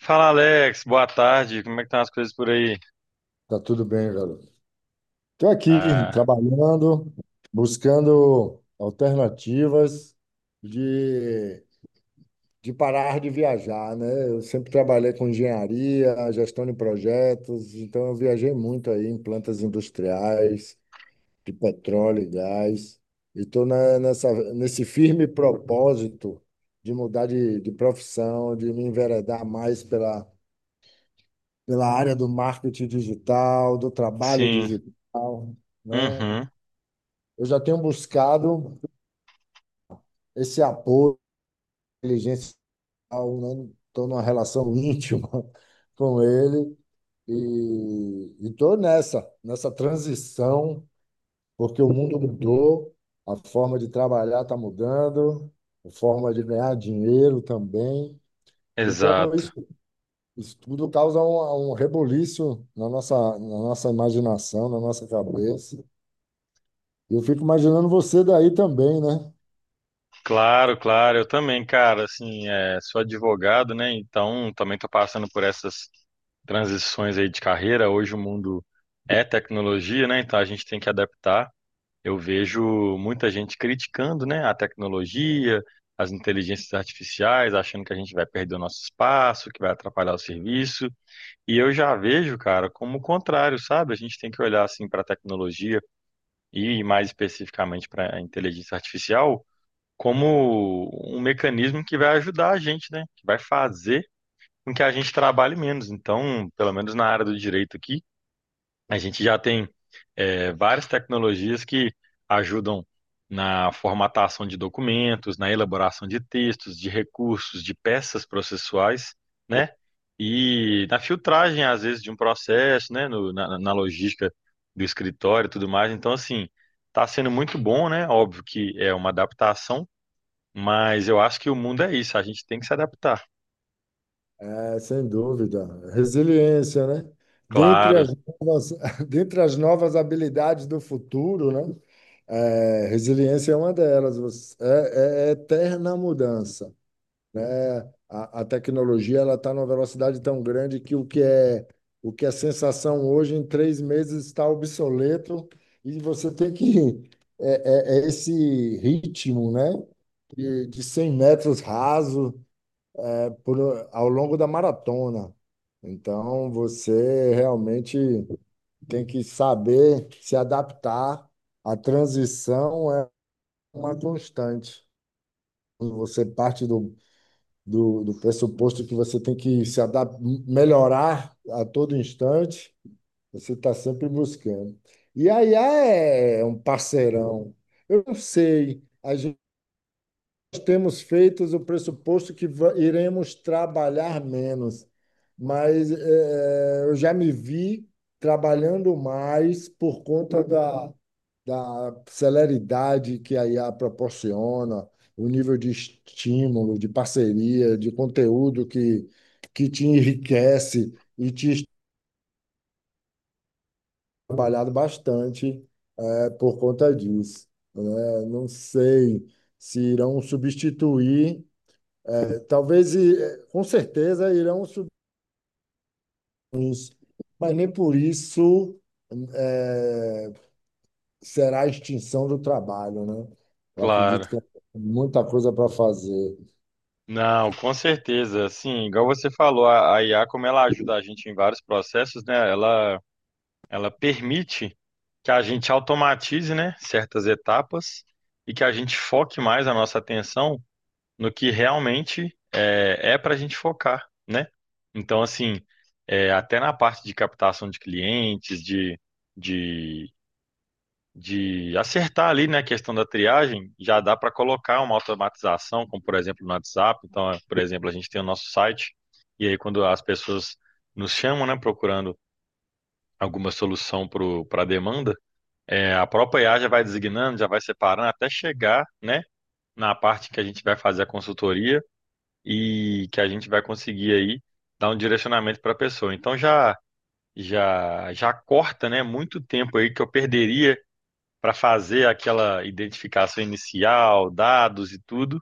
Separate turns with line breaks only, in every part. Fala Alex, boa tarde. Como é que estão as coisas por aí?
Tá tudo bem, garoto. Estou aqui
Ah,
trabalhando, buscando alternativas de, de parar de viajar, né? Eu sempre trabalhei com engenharia, gestão de projetos, então eu viajei muito aí em plantas industriais, de petróleo e gás, e estou nesse firme propósito de mudar de profissão, de me enveredar mais pela área do marketing digital, do trabalho
sim.
digital, né?
Uhum,
Eu já tenho buscado esse apoio, inteligência, estou numa relação íntima com ele e estou nessa transição, porque o mundo mudou, a forma de trabalhar está mudando, a forma de ganhar dinheiro também. Então,
exato.
isso tudo causa um reboliço na na nossa imaginação, na nossa cabeça. Eu fico imaginando você daí também, né?
Claro, claro, eu também, cara, assim, é, sou advogado, né? Então, também tô passando por essas transições aí de carreira. Hoje o mundo é tecnologia, né? Então a gente tem que adaptar. Eu vejo muita gente criticando, né, a tecnologia, as inteligências artificiais, achando que a gente vai perder o nosso espaço, que vai atrapalhar o serviço. E eu já vejo, cara, como o contrário, sabe? A gente tem que olhar assim para a tecnologia e mais especificamente para a inteligência artificial como um mecanismo que vai ajudar a gente, né? Que vai fazer com que a gente trabalhe menos. Então, pelo menos na área do direito aqui, a gente já tem várias tecnologias que ajudam na formatação de documentos, na elaboração de textos, de recursos, de peças processuais, né? E na filtragem, às vezes, de um processo, né? Na logística do escritório e tudo mais. Então, assim, está sendo muito bom, né? Óbvio que é uma adaptação, mas eu acho que o mundo é isso, a gente tem que se adaptar.
É, sem dúvida. Resiliência, né? Dentre
Claro,
as novas, dentre as novas habilidades do futuro, né? É, resiliência é uma delas. É, é eterna mudança, né? A tecnologia ela está numa velocidade tão grande que o que é sensação hoje em 3 meses está obsoleto e você tem que é esse ritmo, né? De 100 metros raso ao longo da maratona. Então, você realmente tem que saber se adaptar. A transição é uma constante. Quando você parte do pressuposto que você tem que se adaptar, melhorar a todo instante, você está sempre buscando. E a IA é um parceirão. Eu não sei, temos feito o pressuposto que iremos trabalhar menos, mas eu já me vi trabalhando mais por conta da celeridade que a IA proporciona, o nível de estímulo, de parceria, de conteúdo que te enriquece e te trabalhado bastante por conta disso, né? Não sei se irão substituir. Talvez, com certeza, irão subir los, mas nem por isso é, será a extinção do trabalho, né? Eu
claro.
acredito que tem muita coisa para fazer.
Não, com certeza. Assim, igual você falou, a IA, como ela ajuda a gente em vários processos, né? Ela permite que a gente automatize, né, certas etapas e que a gente foque mais a nossa atenção no que realmente é para a gente focar, né? Então, assim, é, até na parte de captação de clientes, de de acertar ali, né, a questão da triagem, já dá para colocar uma automatização, como por exemplo no WhatsApp. Então, é, por exemplo, a gente tem o nosso site, e aí quando as pessoas nos chamam, né, procurando alguma solução para a demanda, é, a própria IA já vai designando, já vai separando, até chegar, né, na parte que a gente vai fazer a consultoria e que a gente vai conseguir aí dar um direcionamento para a pessoa. Então, já corta, né, muito tempo aí que eu perderia para fazer aquela identificação inicial, dados e tudo.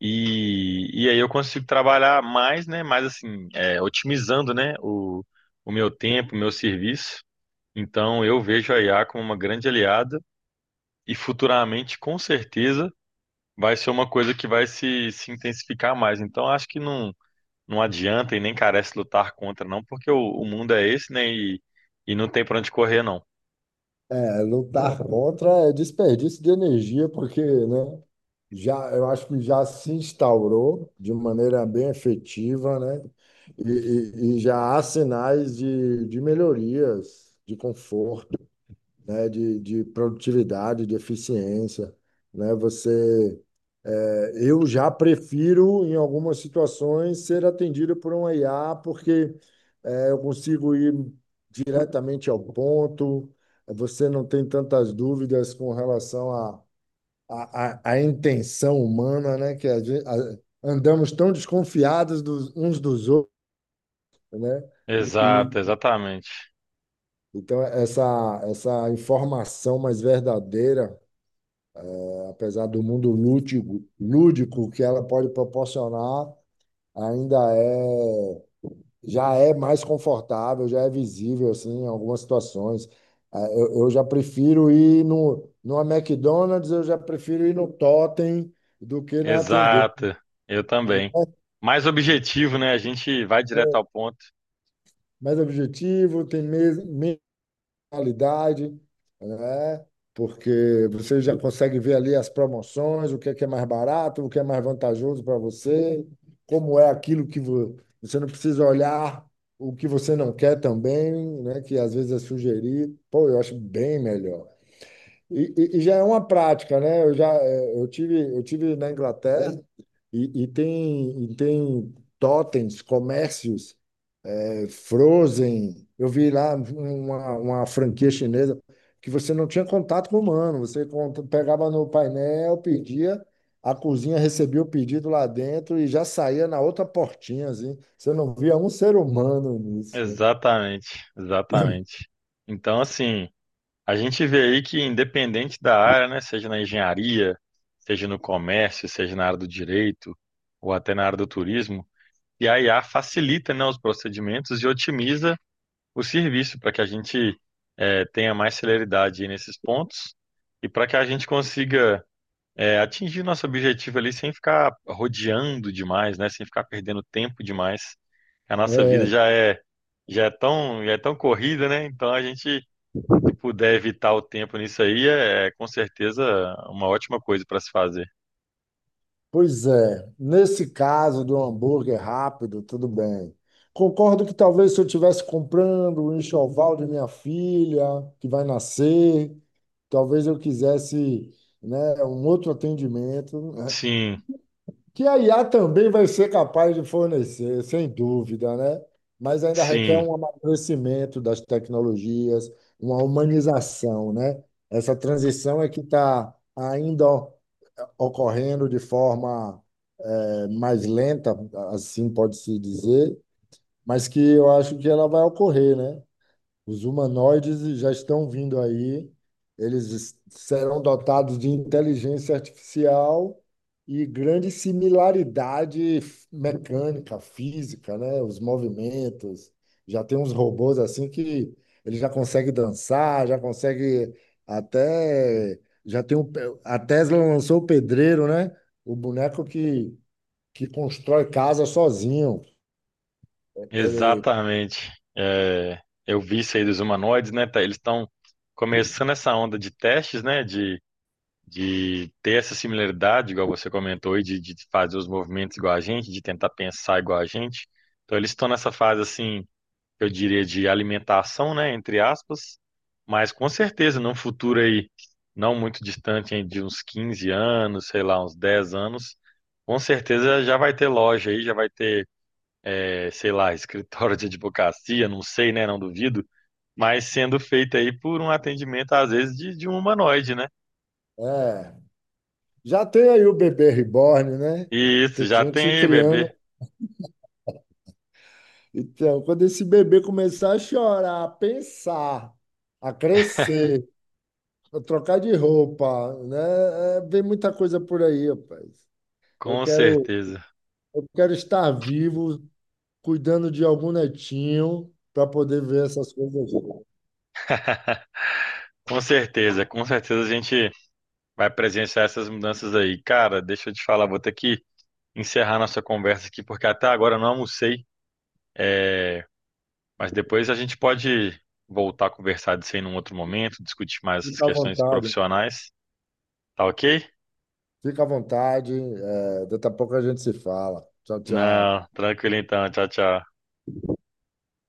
E aí eu consigo trabalhar mais, né? Mais assim, é, otimizando, né? O meu tempo, o meu serviço. Então eu vejo a IA como uma grande aliada e futuramente, com certeza, vai ser uma coisa que vai se intensificar mais. Então acho que não adianta e nem carece lutar contra, não, porque o mundo é esse, né? E não tem para onde correr, não.
É, lutar contra é desperdício de energia, porque, né, já, eu acho que já se instaurou de maneira bem efetiva, né? E, e já há sinais de melhorias, de conforto, né, de produtividade, de eficiência, né? Eu já prefiro, em algumas situações, ser atendido por um IA, porque eu consigo ir diretamente ao ponto, você não tem tantas dúvidas com relação à intenção humana, né? Que andamos tão desconfiados dos, uns dos outros, né? E,
Exato,
e,
exatamente.
então, essa informação mais verdadeira, apesar do mundo lúdico que ela pode proporcionar, ainda é, já é mais confortável, já é visível assim, em algumas situações. Ah, eu já prefiro ir no, numa McDonald's, eu já prefiro ir no Totem do que na atendente.
Exato, eu também. Mais objetivo, né? A gente vai direto ao
É,
ponto.
mais objetivo, tem qualidade, né? Porque você já consegue ver ali as promoções, o que é mais barato, o que é mais vantajoso para você, como é aquilo que você não precisa olhar o que você não quer também, né? Que às vezes é sugerir. Pô, eu acho bem melhor. E, e já é uma prática, né? Eu já eu tive na Inglaterra e, e tem totens, comércios Frozen, eu vi lá uma franquia chinesa que você não tinha contato com o humano, você pegava no painel, pedia, a cozinha recebia o pedido lá dentro e já saía na outra portinha, assim. Você não via um ser humano nisso, né?
Exatamente, exatamente. Então, assim, a gente vê aí que independente da área, né, seja na engenharia, seja no comércio, seja na área do direito ou até na área do turismo, e a IA facilita, né, os procedimentos e otimiza o serviço para que a gente tenha mais celeridade aí nesses pontos e para que a gente consiga atingir nosso objetivo ali sem ficar rodeando demais, né? Sem ficar perdendo tempo demais. A nossa vida
É.
já é tão corrida, né? Então a gente se puder evitar o tempo nisso aí é com certeza uma ótima coisa para se fazer.
Pois é, nesse caso do hambúrguer rápido, tudo bem. Concordo que talvez se eu estivesse comprando o enxoval de minha filha, que vai nascer, talvez eu quisesse, né, um outro atendimento, né,
Sim,
que a IA também vai ser capaz de fornecer, sem dúvida, né? Mas ainda requer
sim,
um amadurecimento das tecnologias, uma humanização, né? Essa transição é que está ainda ocorrendo de forma mais lenta, assim pode-se dizer, mas que eu acho que ela vai ocorrer, né? Os humanoides já estão vindo aí, eles serão dotados de inteligência artificial e grande similaridade mecânica, física, né? Os movimentos. Já tem uns robôs assim que ele já consegue dançar, já consegue até. Já tem um, a Tesla lançou o pedreiro, né? O boneco que constrói casa sozinho. Ele
exatamente. É, eu vi isso aí dos humanoides, né? Tá? Eles estão começando essa onda de testes, né? De ter essa similaridade, igual você comentou, e de fazer os movimentos igual a gente, de tentar pensar igual a gente. Então, eles estão nessa fase, assim, eu diria, de alimentação, né, entre aspas, mas com certeza, num futuro aí, não muito distante, hein, de uns 15 anos, sei lá, uns 10 anos, com certeza já vai ter loja aí, já vai ter, sei lá, escritório de advocacia, não sei, né, não duvido, mas sendo feito aí por um atendimento, às vezes, de um humanoide, né?
é. Já tem aí o bebê reborn, né?
E isso,
Tem
já tem
gente
aí,
criando.
bebê.
Então, quando esse bebê começar a chorar, a pensar, a crescer, a trocar de roupa, né? É, vem muita coisa por aí, rapaz. Eu
Com
quero,
certeza,
eu quero estar vivo, cuidando de algum netinho, para poder ver essas coisas.
com certeza, com certeza a gente vai presenciar essas mudanças aí. Cara, deixa eu te falar, vou ter que encerrar nossa conversa aqui, porque até agora eu não almocei, é, mas depois a gente pode voltar a conversar disso aí num outro momento, discutir mais essas
Fica à
questões
vontade.
profissionais, tá ok?
Fica à vontade. É, daqui a pouco a gente se fala. Tchau, tchau.
Não, tranquilo então, tchau, tchau.